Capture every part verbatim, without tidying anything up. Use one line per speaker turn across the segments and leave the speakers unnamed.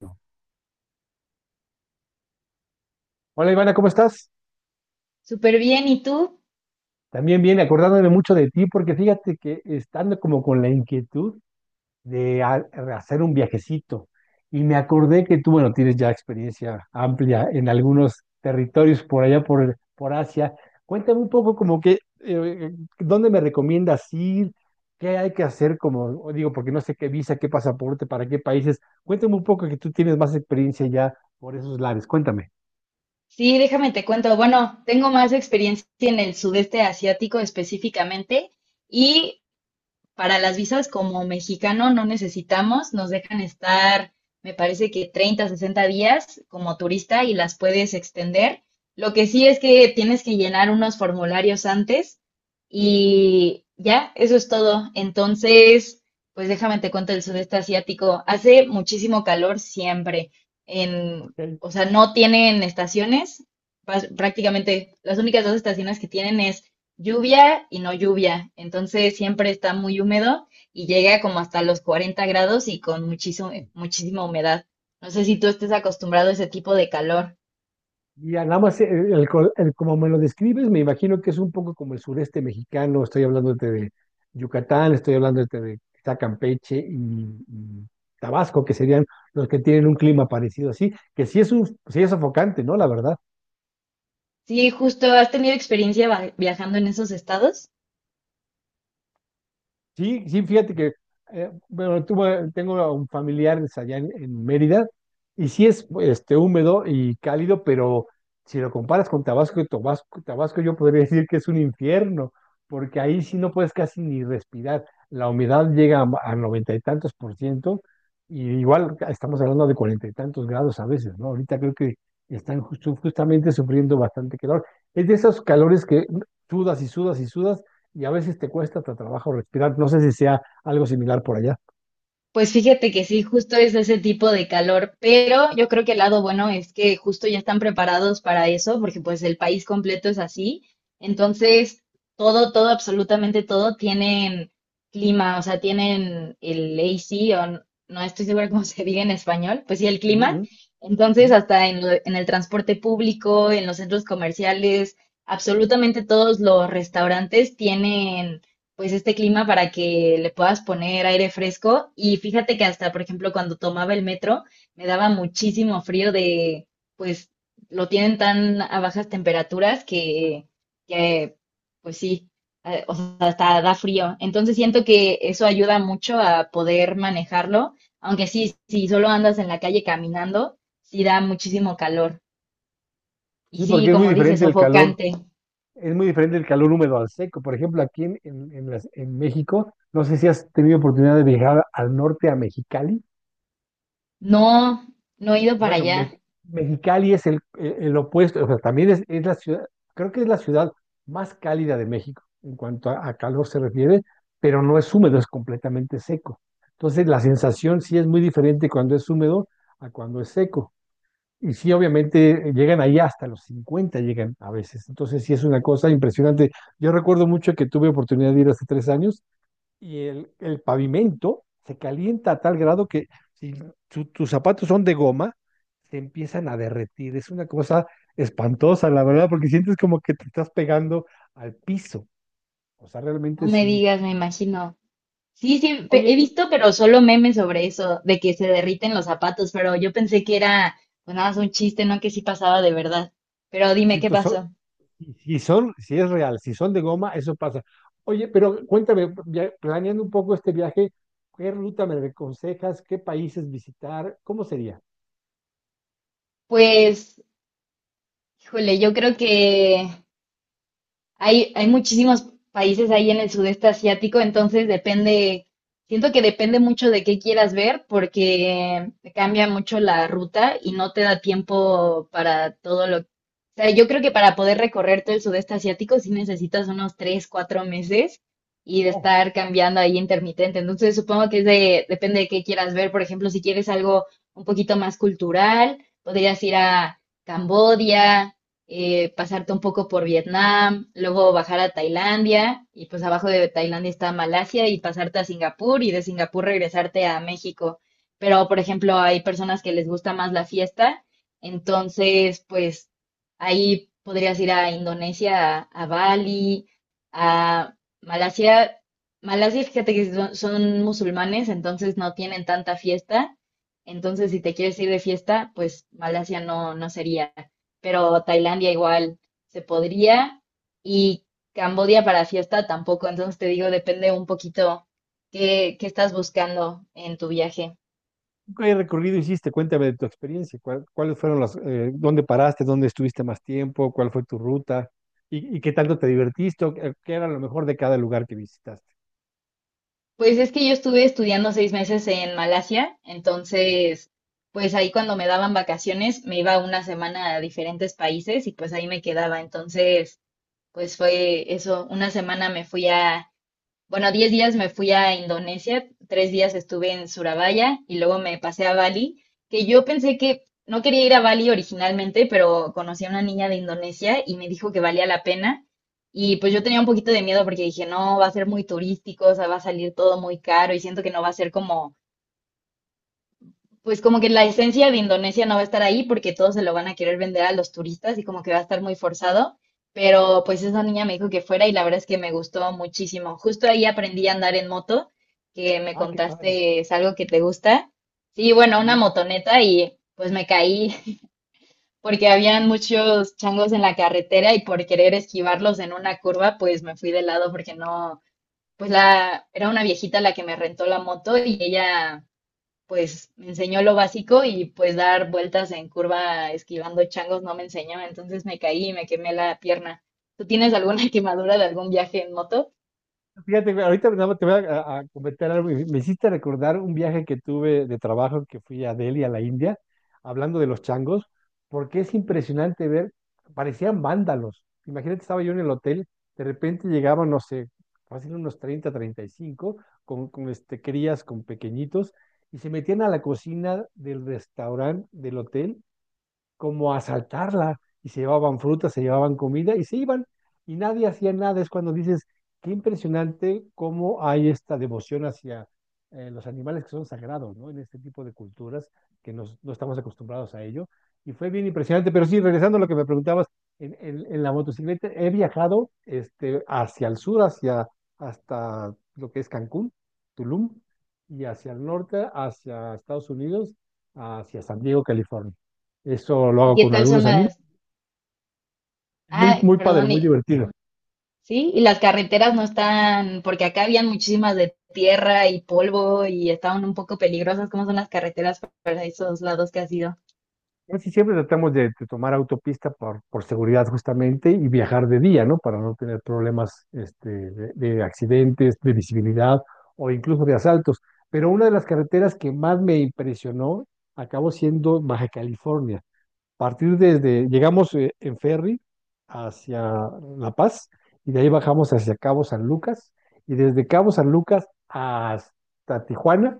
No. Hola Ivana, ¿cómo estás?
Súper bien, ¿y tú?
También bien, acordándome mucho de ti, porque fíjate que estando como con la inquietud de ha- hacer un viajecito, y me acordé que tú, bueno, tienes ya experiencia amplia en algunos territorios por allá, por, por Asia. Cuéntame un poco como que, eh, ¿dónde me recomiendas ir? ¿Qué hay que hacer? Como digo, porque no sé qué visa, qué pasaporte, para qué países. Cuéntame un poco que tú tienes más experiencia ya por esos lares. Cuéntame.
Sí, déjame te cuento. Bueno, tengo más experiencia en el sudeste asiático específicamente y para las visas como mexicano no necesitamos, nos dejan estar, me parece que treinta, sesenta días como turista y las puedes extender. Lo que sí es que tienes que llenar unos formularios antes y ya, eso es todo. Entonces, pues déjame te cuento el sudeste asiático. Hace muchísimo calor siempre. En,
Ok.
o sea, no tienen estaciones. Pas- Prácticamente las únicas dos estaciones que tienen es lluvia y no lluvia, entonces siempre está muy húmedo y llega como hasta los cuarenta grados y con muchísimo, muchísima humedad. No sé si tú estés acostumbrado a ese tipo de calor.
Ya, nada más, eh, el, col- el- como me lo describes, me imagino que es un poco como el sureste mexicano. Estoy hablándote de Yucatán, estoy hablándote de quizá Campeche y, y Tabasco, que serían los que tienen un clima parecido así, que sí es un, sí es sofocante, ¿no? La verdad.
Sí, justo, ¿has tenido experiencia va- viajando en esos estados?
Sí, sí, fíjate que, eh, bueno, tuve- tengo a un familiar es allá en, en Mérida y sí es este, húmedo y cálido, pero si lo comparas con Tabasco, Tabasco, Tabasco yo podría decir que es un infierno, porque ahí sí no puedes casi ni respirar. La humedad llega a a noventa y tantos por ciento y igual estamos hablando de cuarenta y tantos grados a veces, ¿no? Ahorita creo que están justo- justamente sufriendo bastante calor. Es de esos calores que sudas y sudas y sudas y a veces te cuesta hasta trabajo respirar. No sé si sea algo similar por allá.
Pues fíjate que sí, justo es ese tipo de calor, pero yo creo que el lado bueno es que justo ya están preparados para eso, porque pues el país completo es así. Entonces, todo, todo, absolutamente todo tienen clima, o sea, tienen el A C, o n- no estoy segura cómo se diga en español, pues sí, el
Ujú,
clima.
ujú, ujú.
Entonces, hasta en, lo- en el transporte público, en los centros comerciales, absolutamente todos los restaurantes tienen pues este clima para que le puedas poner aire fresco. Y fíjate que hasta, por ejemplo, cuando tomaba el metro, me daba muchísimo frío de, pues lo tienen tan a bajas temperaturas que, que pues sí, eh, o sea, hasta da frío. Entonces siento que eso ayuda mucho a poder manejarlo, aunque sí, si solo andas en la calle caminando, sí da muchísimo calor. Y
Sí,
sí,
porque es muy
como dices,
diferente el calor,
sofocante.
es muy diferente el calor húmedo al seco. Por ejemplo, aquí en, en- en las- en México, no sé si has tenido oportunidad de viajar al norte, a Mexicali.
No, no he ido para
Bueno,
allá.
Me- Mexicali es el, el- el opuesto, o sea, también es, es la ciudad, creo que es la ciudad más cálida de México en cuanto a, a calor se refiere, pero no es húmedo, es completamente seco. Entonces, la sensación sí es muy diferente cuando es húmedo a cuando es seco. Y sí, obviamente llegan ahí hasta los cincuenta llegan a veces. Entonces sí es una cosa impresionante. Yo recuerdo mucho que tuve oportunidad de ir hace tres años y el, el pavimento se calienta a tal grado que si tu- tus zapatos son de goma, se empiezan a derretir. Es una cosa espantosa, la verdad, porque sientes como que te estás pegando al piso. O sea,
No
realmente
me
sí.
digas, me imagino. Sí, sí, pe-
Oye,
he
y
visto, pero solo memes sobre eso, de que se derriten los zapatos, pero yo pensé que era pues nada más un chiste, no que sí pasaba de verdad. Pero dime
si
qué
tus,
pasó.
y si son, si es real, si son de goma, eso pasa. Oye, pero cuéntame, ya planeando un poco este viaje, ¿qué ruta me aconsejas? ¿Qué países visitar? ¿Cómo sería?
Pues, híjole, yo creo que Hay, hay muchísimos países ahí en el sudeste asiático, entonces depende, siento que depende mucho de qué quieras ver porque te cambia mucho la ruta y no te da tiempo para todo lo. O sea, yo creo que para poder recorrer todo el sudeste asiático sí necesitas unos tres, cuatro meses y de
Oh,
estar cambiando ahí intermitente. Entonces supongo que es de, depende de qué quieras ver. Por ejemplo, si quieres algo un poquito más cultural, podrías ir a Cambodia, eh, pasarte un poco por Vietnam, luego bajar a Tailandia y pues abajo de Tailandia está Malasia y pasarte a Singapur y de Singapur regresarte a México. Pero, por ejemplo, hay personas que les gusta más la fiesta, entonces pues ahí podrías ir a Indonesia, a, a Bali, a Malasia. Malasia, fíjate que son son musulmanes, entonces no tienen tanta fiesta. Entonces, si te quieres ir de fiesta, pues Malasia no, no sería, pero Tailandia igual se podría, y Cambodia para fiesta tampoco. Entonces te digo, depende un poquito qué, qué estás buscando en tu viaje.
¿qué recorrido hiciste? Cuéntame de tu experiencia. ¿Cuál- ¿cuáles fueron las, eh, dónde paraste, dónde estuviste más tiempo, cuál fue tu ruta y, y qué tanto te divertiste, o qué qué era lo mejor de cada lugar que visitaste?
Pues es que yo estuve estudiando seis meses en Malasia, entonces pues ahí cuando me daban vacaciones me iba una semana a diferentes países y pues ahí me quedaba. Entonces, pues fue eso, una semana me fui a... Bueno, diez días me fui a Indonesia, tres días estuve en Surabaya y luego me pasé a Bali, que yo pensé que no quería ir a Bali originalmente, pero conocí a una niña de Indonesia y me dijo que valía la pena. Y pues yo tenía un poquito de miedo porque dije, no, va a ser muy turístico, o sea, va a salir todo muy caro y siento que no va a ser como pues como que la esencia de Indonesia no va a estar ahí porque todos se lo van a querer vender a los turistas y como que va a estar muy forzado. Pero pues esa niña me dijo que fuera y la verdad es que me gustó muchísimo. Justo ahí aprendí a andar en moto, que me
Ah, qué padre.
contaste es algo que te gusta. Sí, bueno, una
Sí.
motoneta y pues me caí porque habían muchos changos en la carretera y por querer esquivarlos en una curva, pues me fui de lado porque no, pues la, era una viejita la que me rentó la moto y ella pues me enseñó lo básico y pues dar vueltas en curva esquivando changos no me enseñó, entonces me caí y me quemé la pierna. ¿Tú tienes alguna quemadura de algún viaje en moto?
Fíjate, güey, ahorita nada más te voy a, a- a comentar algo. Y me hiciste recordar un viaje que tuve de trabajo que fui a Delhi, a la India, hablando de los changos, porque es impresionante ver, parecían vándalos. Imagínate, estaba yo en el hotel, de repente llegaban, no sé, fácil unos treinta, treinta y cinco, con, con este, crías, con pequeñitos, y se metían a la cocina del restaurante del hotel como a asaltarla y se llevaban frutas, se llevaban comida y se iban y nadie hacía nada. Es cuando dices, qué impresionante cómo hay esta devoción hacia eh, los animales que son sagrados, ¿no? En este tipo de culturas que nos- no estamos acostumbrados a ello. Y fue bien impresionante, pero sí, regresando a lo que me preguntabas, en, en- en la motocicleta he viajado este, hacia el sur, hacia, hasta lo que es Cancún, Tulum, y hacia el norte, hacia Estados Unidos, hacia San Diego, California. Eso lo
¿Y
hago
qué
con
tal son
algunos amigos.
las...
Muy,
Ah,
muy padre,
perdón,
muy
y-
divertido.
sí, y las carreteras no están, porque acá habían muchísimas de tierra y polvo y estaban un poco peligrosas, ¿cómo son las carreteras para esos lados que has ido?
Casi siempre tratamos de, de tomar autopista por, por seguridad justamente y viajar de día, ¿no? Para no tener problemas este, de, de accidentes, de visibilidad o incluso de asaltos. Pero una de las carreteras que más me impresionó acabó siendo Baja California. Partir desde, llegamos eh, en ferry hacia La Paz y de ahí bajamos hacia Cabo San Lucas y desde Cabo San Lucas hasta Tijuana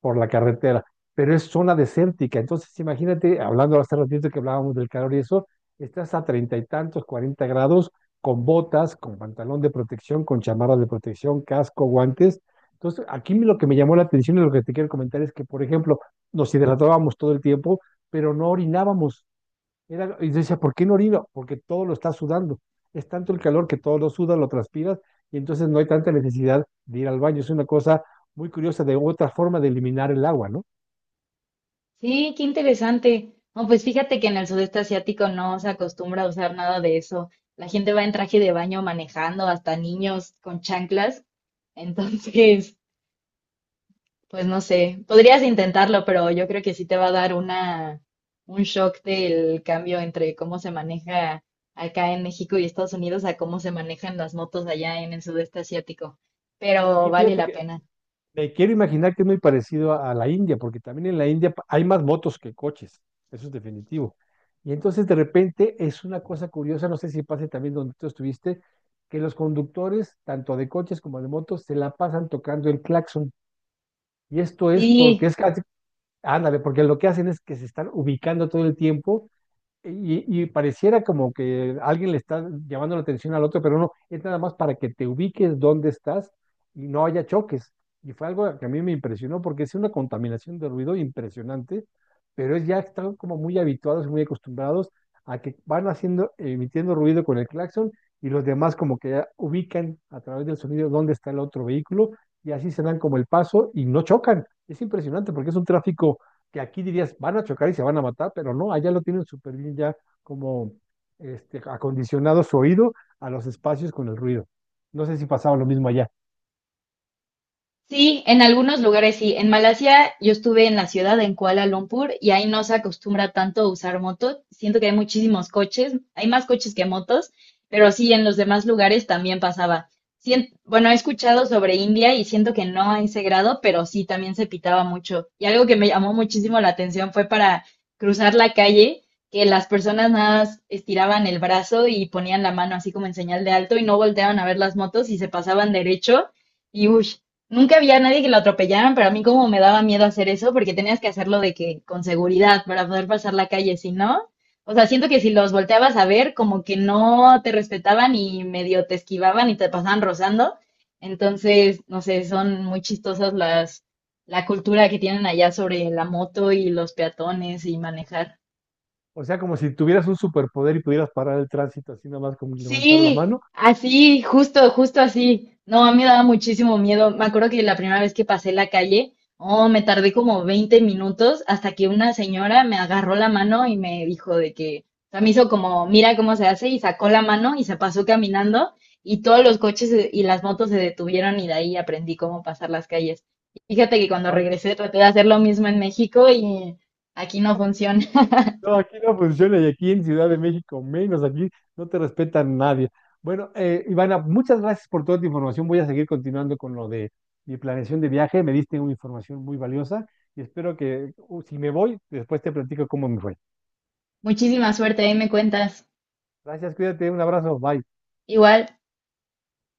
por la carretera, pero es zona desértica. Entonces, imagínate, hablando hace ratito que hablábamos del calor y eso, estás a treinta y tantos, cuarenta grados, con botas, con pantalón de protección, con chamarras de protección, casco, guantes. Entonces, aquí lo que me llamó la atención y lo que te quiero comentar es que, por ejemplo, nos hidratábamos todo el tiempo, pero no orinábamos. Era- y decía, ¿por qué no orino? Porque todo lo está sudando. Es tanto el calor que todo lo suda, lo transpiras, y entonces no hay tanta necesidad de ir al baño. Es una cosa muy curiosa de otra forma de eliminar el agua, ¿no?
Sí, qué interesante. No, pues fíjate que en el sudeste asiático no se acostumbra a usar nada de eso. La gente va en traje de baño manejando, hasta niños con chanclas. Entonces, pues no sé, podrías intentarlo, pero yo creo que sí te va a dar una, un shock del cambio entre cómo se maneja acá en México y Estados Unidos a cómo se manejan las motos allá en el sudeste asiático. Pero
Y
vale
fíjate
la
que
pena.
me quiero imaginar que es muy parecido a, a la India, porque también en la India pa- hay más motos que coches, eso es definitivo. Y entonces de repente es una cosa curiosa, no sé si pase también donde tú estuviste, que los conductores, tanto de coches como de motos, se la pasan tocando el claxon. Y esto es porque
Sí,
es, ándale, porque lo que hacen es que se están ubicando todo el tiempo y, y pareciera como que alguien le está llamando la atención al otro, pero no, es nada más para que te ubiques dónde estás y no haya choques. Y fue algo que a mí me impresionó porque es una contaminación de ruido impresionante, pero es ya están como muy habituados y muy acostumbrados a que van haciendo, emitiendo ruido con el claxon y los demás como que ya ubican a través del sonido dónde está el otro vehículo y así se dan como el paso y no chocan. Es impresionante porque es un tráfico que aquí dirías, van a chocar y se van a matar, pero no, allá lo tienen súper bien ya como este, acondicionado su oído a los espacios con el ruido. No sé si pasaba lo mismo allá.
sí, en algunos lugares sí. En Malasia yo estuve en la ciudad, en Kuala Lumpur, y ahí no se acostumbra tanto a usar motos. Siento que hay muchísimos coches, hay más coches que motos, pero sí, en los demás lugares también pasaba. Sien- bueno, he escuchado sobre India y siento que no a ese grado, pero sí, también se pitaba mucho. Y algo que me llamó muchísimo la atención fue para cruzar la calle, que las personas nada más estiraban el brazo y ponían la mano así como en señal de alto y no volteaban a ver las motos y se pasaban derecho. Y uy, nunca había nadie que lo atropellaran, pero a mí como me daba miedo hacer eso, porque tenías que hacerlo de que con seguridad para poder pasar la calle, si no, o sea, siento que si los volteabas a ver, como que no te respetaban y medio te esquivaban y te pasaban rozando. Entonces, no sé, son muy chistosas las la cultura que tienen allá sobre la moto y los peatones y manejar.
O sea, como si tuvieras un superpoder y pudieras parar el tránsito así nada más como levantar la
Sí,
mano.
así, justo, justo así. No, a mí me daba muchísimo miedo. Me acuerdo que la primera vez que pasé la calle, oh, me tardé como veinte minutos hasta que una señora me agarró la mano y me dijo de que, o sea, me hizo como, mira cómo se hace y sacó la mano y se pasó caminando y todos los coches y las motos se detuvieron y de ahí aprendí cómo pasar las calles. Fíjate que cuando
Ay,
regresé traté de hacer lo mismo en México y aquí no funciona.
no, aquí no funciona y aquí en Ciudad de México menos, aquí no te respetan nadie. Bueno, eh, Ivana, muchas gracias por toda tu información. Voy a seguir continuando con lo de mi planeación de viaje. Me diste una información muy valiosa y espero que uh, si me voy, después te platico cómo me fue.
Muchísima suerte, ahí me cuentas.
Gracias, cuídate, un abrazo, bye.
Igual.